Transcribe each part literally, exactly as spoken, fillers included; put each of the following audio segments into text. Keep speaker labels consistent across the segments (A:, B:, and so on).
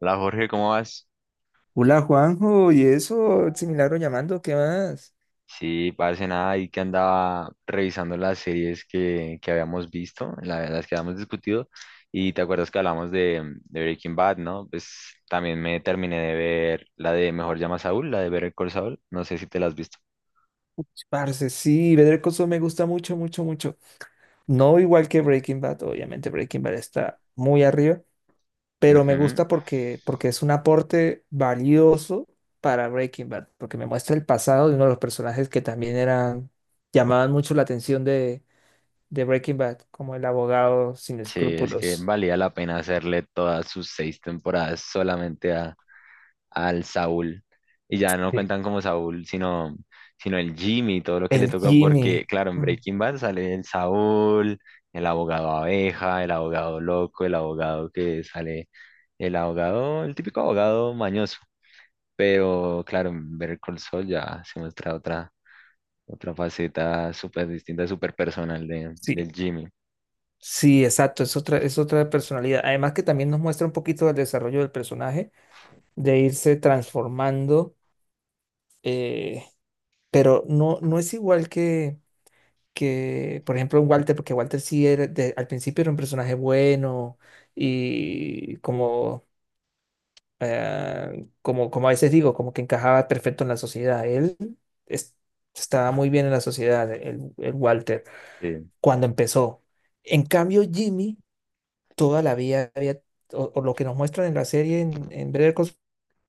A: Hola Jorge, ¿cómo vas?
B: Hola Juanjo, y eso, ese milagro llamando, ¿qué más?
A: Sí, parece nada ahí que andaba revisando las series que, que habíamos visto, la- las que habíamos discutido, y te acuerdas que hablamos de, de Breaking Bad, ¿no? Pues también me terminé de ver la de Mejor Llama a Saúl, la de Better Call Saul, no sé si te la has visto.
B: Uch, parce, sí, Better Call Saul me gusta mucho, mucho, mucho. No igual que Breaking Bad, obviamente Breaking Bad está muy arriba, pero me
A: Ujú.
B: gusta porque, porque es un aporte valioso para Breaking Bad, porque me muestra el pasado de uno de los personajes que también eran, llamaban mucho la atención de, de Breaking Bad, como el abogado sin
A: Sí, es que
B: escrúpulos.
A: valía la pena hacerle todas sus seis temporadas solamente al Saúl. Y ya no
B: Sí.
A: cuentan como Saúl, sino, sino el Jimmy y todo lo que le
B: El
A: toca, porque,
B: Jimmy.
A: claro, en
B: Mm.
A: Breaking Bad sale el Saúl, el abogado abeja, el abogado loco, el abogado que sale, el abogado, el típico abogado mañoso. Pero, claro, en Better Call Saul ya se muestra otra, otra faceta súper distinta, súper personal de,
B: Sí.
A: del Jimmy.
B: Sí, exacto, es otra, es otra personalidad. Además que también nos muestra un poquito del desarrollo del personaje, de irse transformando, eh, pero no, no es igual que, que, por ejemplo, un Walter, porque Walter sí era, de- al principio era un personaje bueno y como, eh, como, como a veces digo, como que encajaba perfecto en la sociedad. Él es- estaba muy bien en la sociedad, el, el Walter,
A: Sí.
B: cuando empezó. En cambio, Jimmy... toda la vida había, o, o lo que nos muestran en la serie en, en Better Call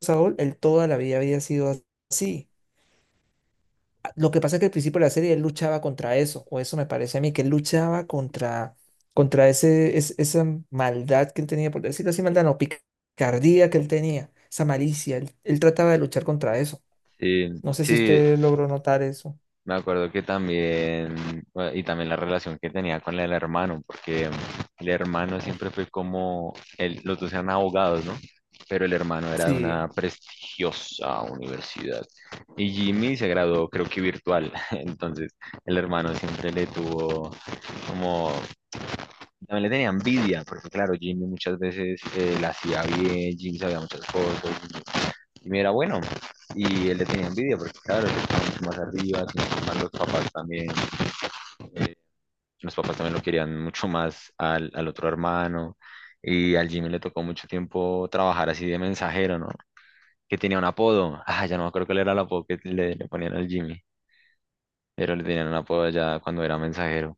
B: Saul, él toda la vida había sido así. A- Lo que pasa es que al principio de la serie él luchaba contra eso, o eso me parece a mí, que él luchaba contra, contra ese, es- esa maldad que él tenía, por decirlo así, maldad, no, picardía que él tenía, esa malicia, él, él trataba de luchar contra eso.
A: Sí,
B: No sé si
A: sí,
B: usted logró notar eso.
A: me acuerdo que también, bueno, y también la relación que tenía con el hermano, porque el hermano
B: Mm.
A: siempre fue como, el- los dos eran abogados, ¿no? Pero el hermano era de una
B: Sí.
A: prestigiosa universidad. Y Jimmy se graduó, creo que virtual. Entonces, el hermano siempre le tuvo como, también le tenía envidia, porque claro, Jimmy muchas veces eh, la hacía bien, Jimmy sabía muchas cosas, y me era bueno. Y él le tenía envidia porque, claro, él estaba mucho más arriba, sino que más los papás también, eh, los papás también lo querían mucho más al, al otro hermano. Y al Jimmy le tocó mucho tiempo trabajar así de mensajero, ¿no? Que tenía un apodo. Ah, ya no me acuerdo cuál era el apodo que le, le ponían al Jimmy, pero le tenían un apodo ya cuando era mensajero.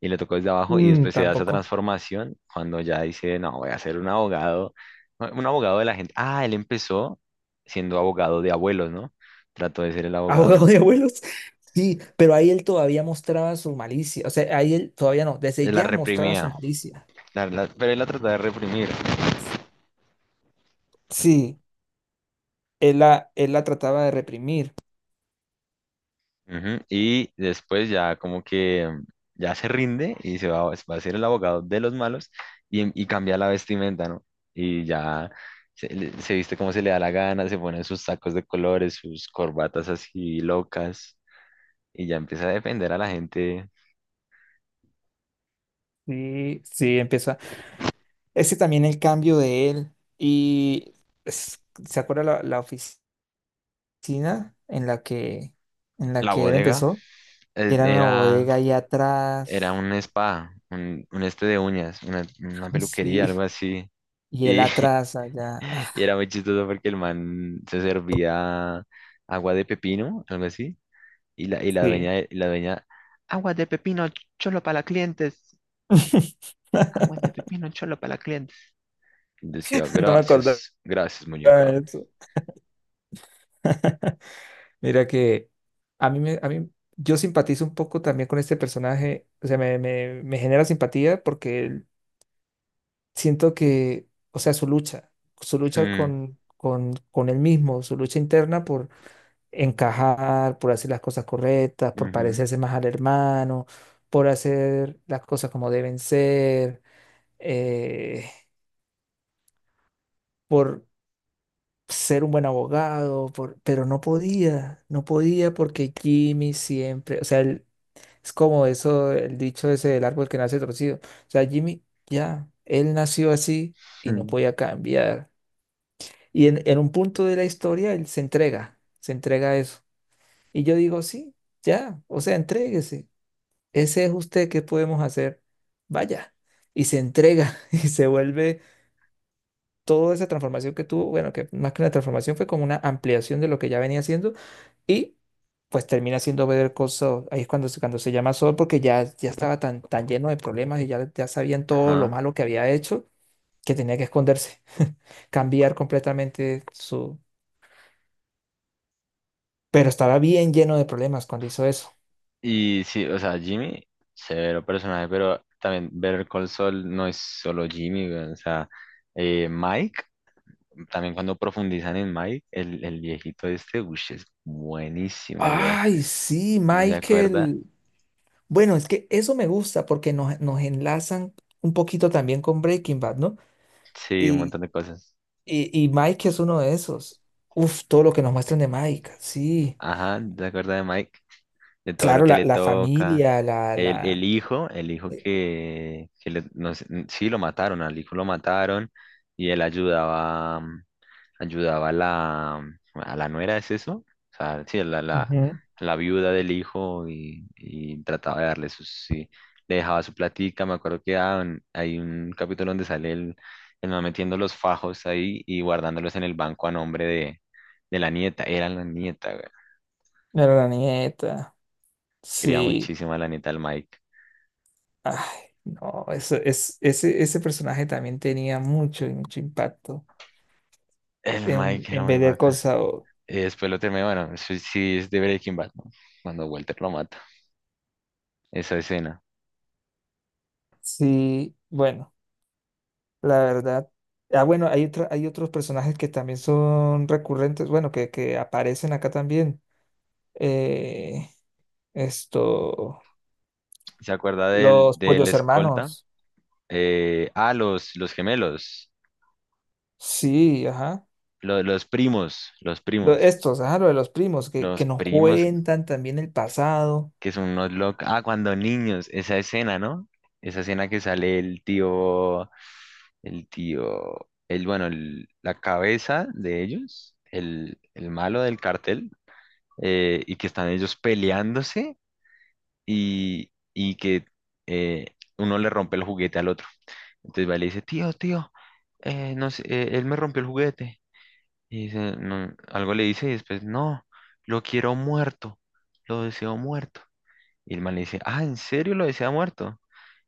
A: Y le tocó desde abajo y
B: Mm,
A: después se da esa
B: tampoco.
A: transformación cuando ya dice, no, voy a ser un abogado, un abogado de la gente. Ah, él empezó siendo abogado de abuelos, ¿no? Trató de ser el abogado,
B: Abogado
A: del-
B: de abuelos. Sí, pero ahí él todavía mostraba su malicia. O sea, ahí él todavía no, desde
A: de la
B: ya mostraba su
A: reprimía,
B: malicia.
A: la- la- pero él la trató de reprimir.
B: Sí, él la, él la trataba de reprimir.
A: Ujú. Y después ya como que mm, ya se rinde y se va, va a ser el abogado de los malos y, em- y cambia la vestimenta, ¿no? Y ya se, le- se viste como se le da la gana, se pone sus sacos de colores, sus corbatas así locas, y ya empecé a defender a la gente.
B: Sí, sí, empezó. a- Ese también el cambio de él. Y es- ¿se acuerda la, la oficina en la que, en la
A: La
B: que él
A: bodega
B: empezó?
A: eh,
B: Que era una
A: era,
B: bodega ahí
A: era
B: atrás.
A: un spa, un, un este de uñas, una, una peluquería,
B: Sí,
A: algo así.
B: y él
A: Y
B: atrás allá. Ah,
A: y era muy chistoso porque el man se servía agua de pepino, algo así. Y la, y la
B: sí.
A: dueña, y la dueña, agua de pepino, cholo para las clientes. Agua de pepino, cholo para las clientes. Y decía,
B: No me acordaba
A: gracias, gracias, muñeca.
B: de eso. Mira que a mí, me, a mí, yo simpatizo un poco también con este personaje, o sea, me, me, me genera simpatía porque siento que, o sea, su lucha, su lucha
A: Mm,
B: con, con, con él mismo, su lucha interna por encajar, por hacer las cosas correctas, por
A: ujú,
B: parecerse más al hermano, por hacer las cosas como deben ser, eh, por ser un buen abogado, por- pero no podía, no podía porque Jimmy siempre, o sea, él... Es como eso, el dicho ese del árbol que nace torcido. O sea, Jimmy, ya, él nació así y no
A: mm,
B: podía cambiar. Y en, en un punto de la historia, él se entrega, se entrega a eso. Y yo digo, sí, ya, o sea, entréguese. Ese es usted, ¿qué podemos hacer? Vaya. Y se entrega y se vuelve toda esa transformación que tuvo, bueno, que más que una transformación fue como una ampliación de lo que ya venía haciendo y pues termina siendo Better Call Saul. Ahí es cuando, se- cuando se llama Saul porque ya, ya estaba tan, tan lleno de problemas y ya, ya sabían todo lo
A: ajá".
B: malo que había hecho, que tenía que esconderse, cambiar completamente su... Pero estaba bien lleno de problemas cuando hizo eso.
A: Y sí, o sea, Jimmy, severo personaje, pero también ver Call Saul no es solo Jimmy, weón. O sea, eh, Mike, también cuando profundizan en Mike, el, el viejito este, uy, es buenísimo, weón.
B: Ay, sí,
A: ¿Se acuerda?
B: Michael. Bueno, es que eso me gusta porque nos, nos enlazan un poquito también con Breaking Bad, ¿no?
A: Sí, un
B: Y,
A: montón de cosas.
B: y, y Mike es uno de esos. Uf, todo lo que nos muestran de Mike, sí.
A: Ajá, ¿se acuerda de Mike? De todo lo
B: Claro,
A: que
B: la,
A: le
B: la
A: toca.
B: familia, la,
A: El, el
B: la...
A: hijo, el hijo
B: Ujú.
A: que, que le- no sé, sí, lo mataron, al hijo lo mataron y él ayudaba. Mm, ayudaba a la, a la nuera, ¿es eso? O sea, sí, a la, la, a la viuda del hijo y, y trataba de darle sus, sí, le dejaba su platica, me acuerdo que ah, en- hay un capítulo donde sale el, el man metiendo los fajos ahí y guardándolos en el banco a nombre de, de la nieta, era la nieta, güey.
B: Era la nieta.
A: Quería
B: Sí.
A: muchísimo a la nieta del Mike.
B: Ay, no, eso, es, ese, ese personaje también tenía mucho, mucho impacto
A: El
B: en,
A: Mike era
B: en
A: muy
B: Better Call
A: bacán.
B: Saul.
A: Y después lo terminé, bueno, eso sí es de Breaking Bad, ¿no? Cuando Walter lo mata, esa escena.
B: Sí, bueno, la verdad. Ah, bueno, hay otra- hay otros personajes que también son recurrentes, bueno, que, que aparecen acá también. Eh, esto,
A: ¿Se acuerda del,
B: los
A: del
B: pollos
A: escolta?
B: hermanos.
A: Eh, ah, los, los gemelos,
B: Sí, ajá.
A: lo- los primos, los
B: Lo-
A: primos,
B: estos, ajá, lo de los primos, que,
A: los
B: que nos
A: primos
B: cuentan también el pasado.
A: que son unos locos. Ah, cuando niños, esa escena, ¿no? Esa escena que sale el tío, el tío, el, bueno, el- la cabeza de ellos, el, el malo del cartel, eh, y que están ellos peleándose y, y que eh, uno le rompe el juguete al otro. Entonces va y le dice, tío, tío, eh, no sé, eh, él me rompió el juguete. Y dice, no, algo le dice y después, no, lo quiero muerto, lo deseo muerto. Y el man le dice, ah, ¿en serio lo desea muerto?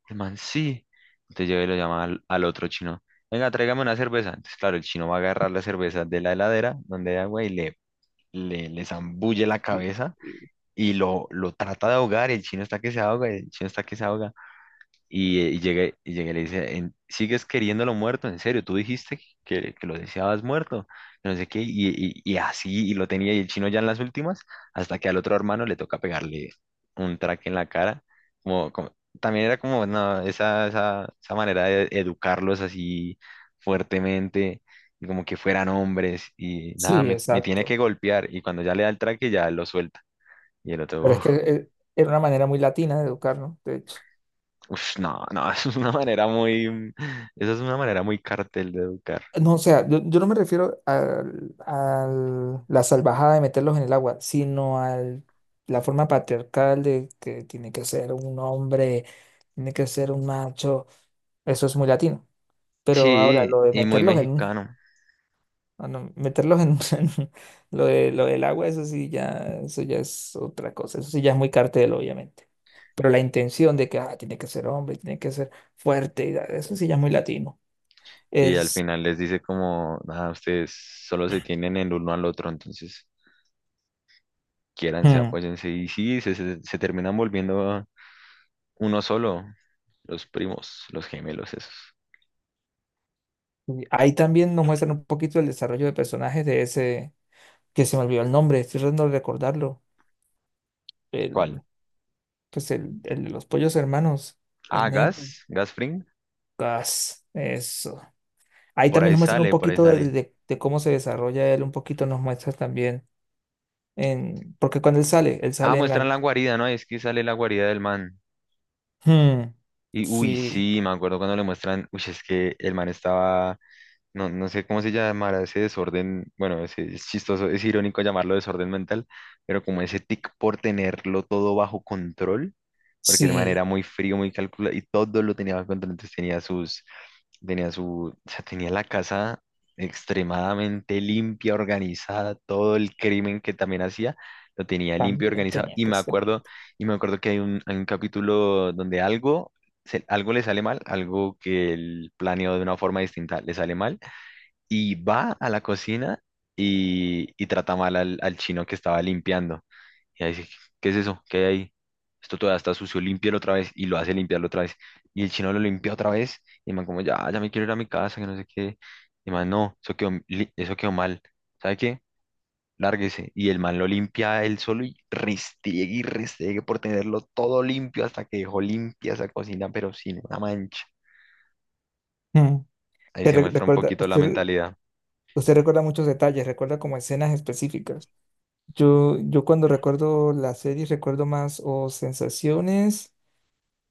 A: El man, sí. Entonces llega y lo llama al, al otro chino, venga, tráigame una cerveza. Entonces, claro, el chino va a agarrar la cerveza de la heladera donde hay agua y le, le, le zambulle la
B: Sí.
A: cabeza y lo, lo trata de ahogar. Y el chino está que se ahoga, el chino está que se ahoga. Y, eh, y llegué, y llegué y le dice, "En- ¿sigues queriéndolo muerto? ¿En serio? ¿Tú dijiste que, que lo deseabas muerto? Que no sé qué". Y, y- y así, y lo tenía, y el chino ya en las últimas, hasta que al otro hermano le toca pegarle un traque en la cara. Como, como- también era como, no, esa, esa, esa manera de educarlos así fuertemente, y como que fueran hombres. Y nada,
B: Sí,
A: me, me tiene que
B: exacto.
A: golpear. Y cuando ya le da el traque, ya lo suelta. Y el
B: Pero es
A: otro,
B: que eh, era una manera muy latina de educarnos, de hecho.
A: uf, no, no, es una manera muy, esa es una manera muy cartel de educar.
B: No, o sea, yo, yo no me refiero al- a la salvajada de meterlos en el agua, sino a la forma patriarcal de que tiene que ser un hombre, tiene que ser un macho. Eso es muy latino. Pero ahora
A: Sí,
B: lo de
A: y muy
B: meterlos en un...
A: mexicano.
B: Ah, no, meterlos en, en lo de, lo del agua, eso sí ya, eso ya es otra cosa, eso sí ya es muy cartel, obviamente. Pero la intención de que ah, tiene que ser hombre, tiene que ser fuerte, y da- eso sí ya es muy latino.
A: Sí, al
B: Es...
A: final les dice como, nada, ustedes solo se tienen el uno al otro, entonces quiéranse,
B: Hmm,
A: apóyense. Y sí, se, se, se terminan volviendo uno solo, los primos, los gemelos esos.
B: y ahí también nos muestran un poquito el desarrollo de personajes de ese, que se me olvidó el nombre, estoy tratando de recordarlo.
A: ¿Cuál?
B: El, pues el, el de los pollos hermanos,
A: Ah,
B: el negro.
A: Gas, Gas Fring.
B: Gas, eso. Ahí
A: Por
B: también
A: ahí
B: nos muestran un
A: sale, por ahí
B: poquito de,
A: sale.
B: de de cómo se desarrolla él, un poquito nos muestra también. En, porque cuando él sale, él
A: Ah,
B: sale en la...
A: muestran la guarida, ¿no? Es que sale la guarida del man.
B: Hmm,
A: Y uy,
B: sí,
A: sí, me acuerdo cuando le muestran, uy, es que el man estaba. No, no sé cómo se llamará ese desorden, bueno, ese- es, chistoso, es irónico llamarlo desorden mental, pero como ese tic por tenerlo todo bajo control, porque el man era
B: sí,
A: muy frío, muy calculado y todo lo tenía bajo control, entonces tenía sus, tenía su, o sea, tenía la casa extremadamente limpia, organizada, todo el crimen que también hacía, lo tenía limpio,
B: también
A: organizado,
B: tenía
A: y
B: que
A: me
B: ser.
A: acuerdo, y me acuerdo que hay un, hay un capítulo donde algo, se- algo le sale mal, algo que él planeó de una forma distinta le sale mal y va a la cocina y, y trata mal al, al chino que estaba limpiando. Y ahí dice, ¿qué es eso? ¿Qué hay ahí? Esto todavía está sucio, límpialo otra vez. Y lo hace limpiarlo otra vez. Y el chino lo limpia otra vez. Y el man como, ya, ya me quiero ir a mi casa, que no sé qué. Y el man, no, eso quedó, li- eso quedó mal. ¿Sabe qué? Lárguese. Y el man lo limpia él solo y restiegue y restiegue por tenerlo todo limpio hasta que dejó limpia esa cocina, pero sin una mancha.
B: Hmm,
A: Ahí
B: te
A: se
B: re-
A: muestra un
B: recuerda,
A: poquito la
B: usted,
A: mentalidad.
B: usted recuerda muchos detalles, recuerda como escenas específicas. Yo, yo cuando recuerdo las series recuerdo más o sensaciones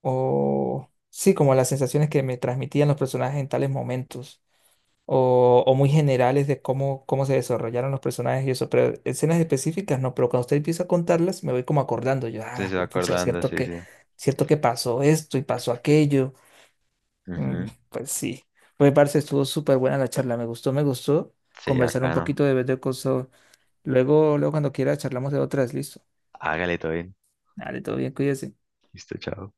B: o... Sí, como las sensaciones que me transmitían los personajes en tales momentos. O, o muy generales de cómo, cómo se desarrollaron los personajes y eso, pero escenas específicas no, pero cuando usted empieza a contarlas me voy como acordando, yo,
A: Entonces
B: ah,
A: se va
B: güey, pucha,
A: acordando,
B: cierto
A: sí,
B: que,
A: sí.
B: cierto que pasó esto y pasó aquello. Mm,
A: Ujú.
B: pues sí, pues parce, estuvo súper buena la charla, me gustó, me gustó
A: Sí,
B: conversar un
A: bacano.
B: poquito de vez de cosas, luego, luego cuando quiera charlamos de otras, listo,
A: Hágale todo bien.
B: dale, todo bien, cuídese.
A: Listo, chao.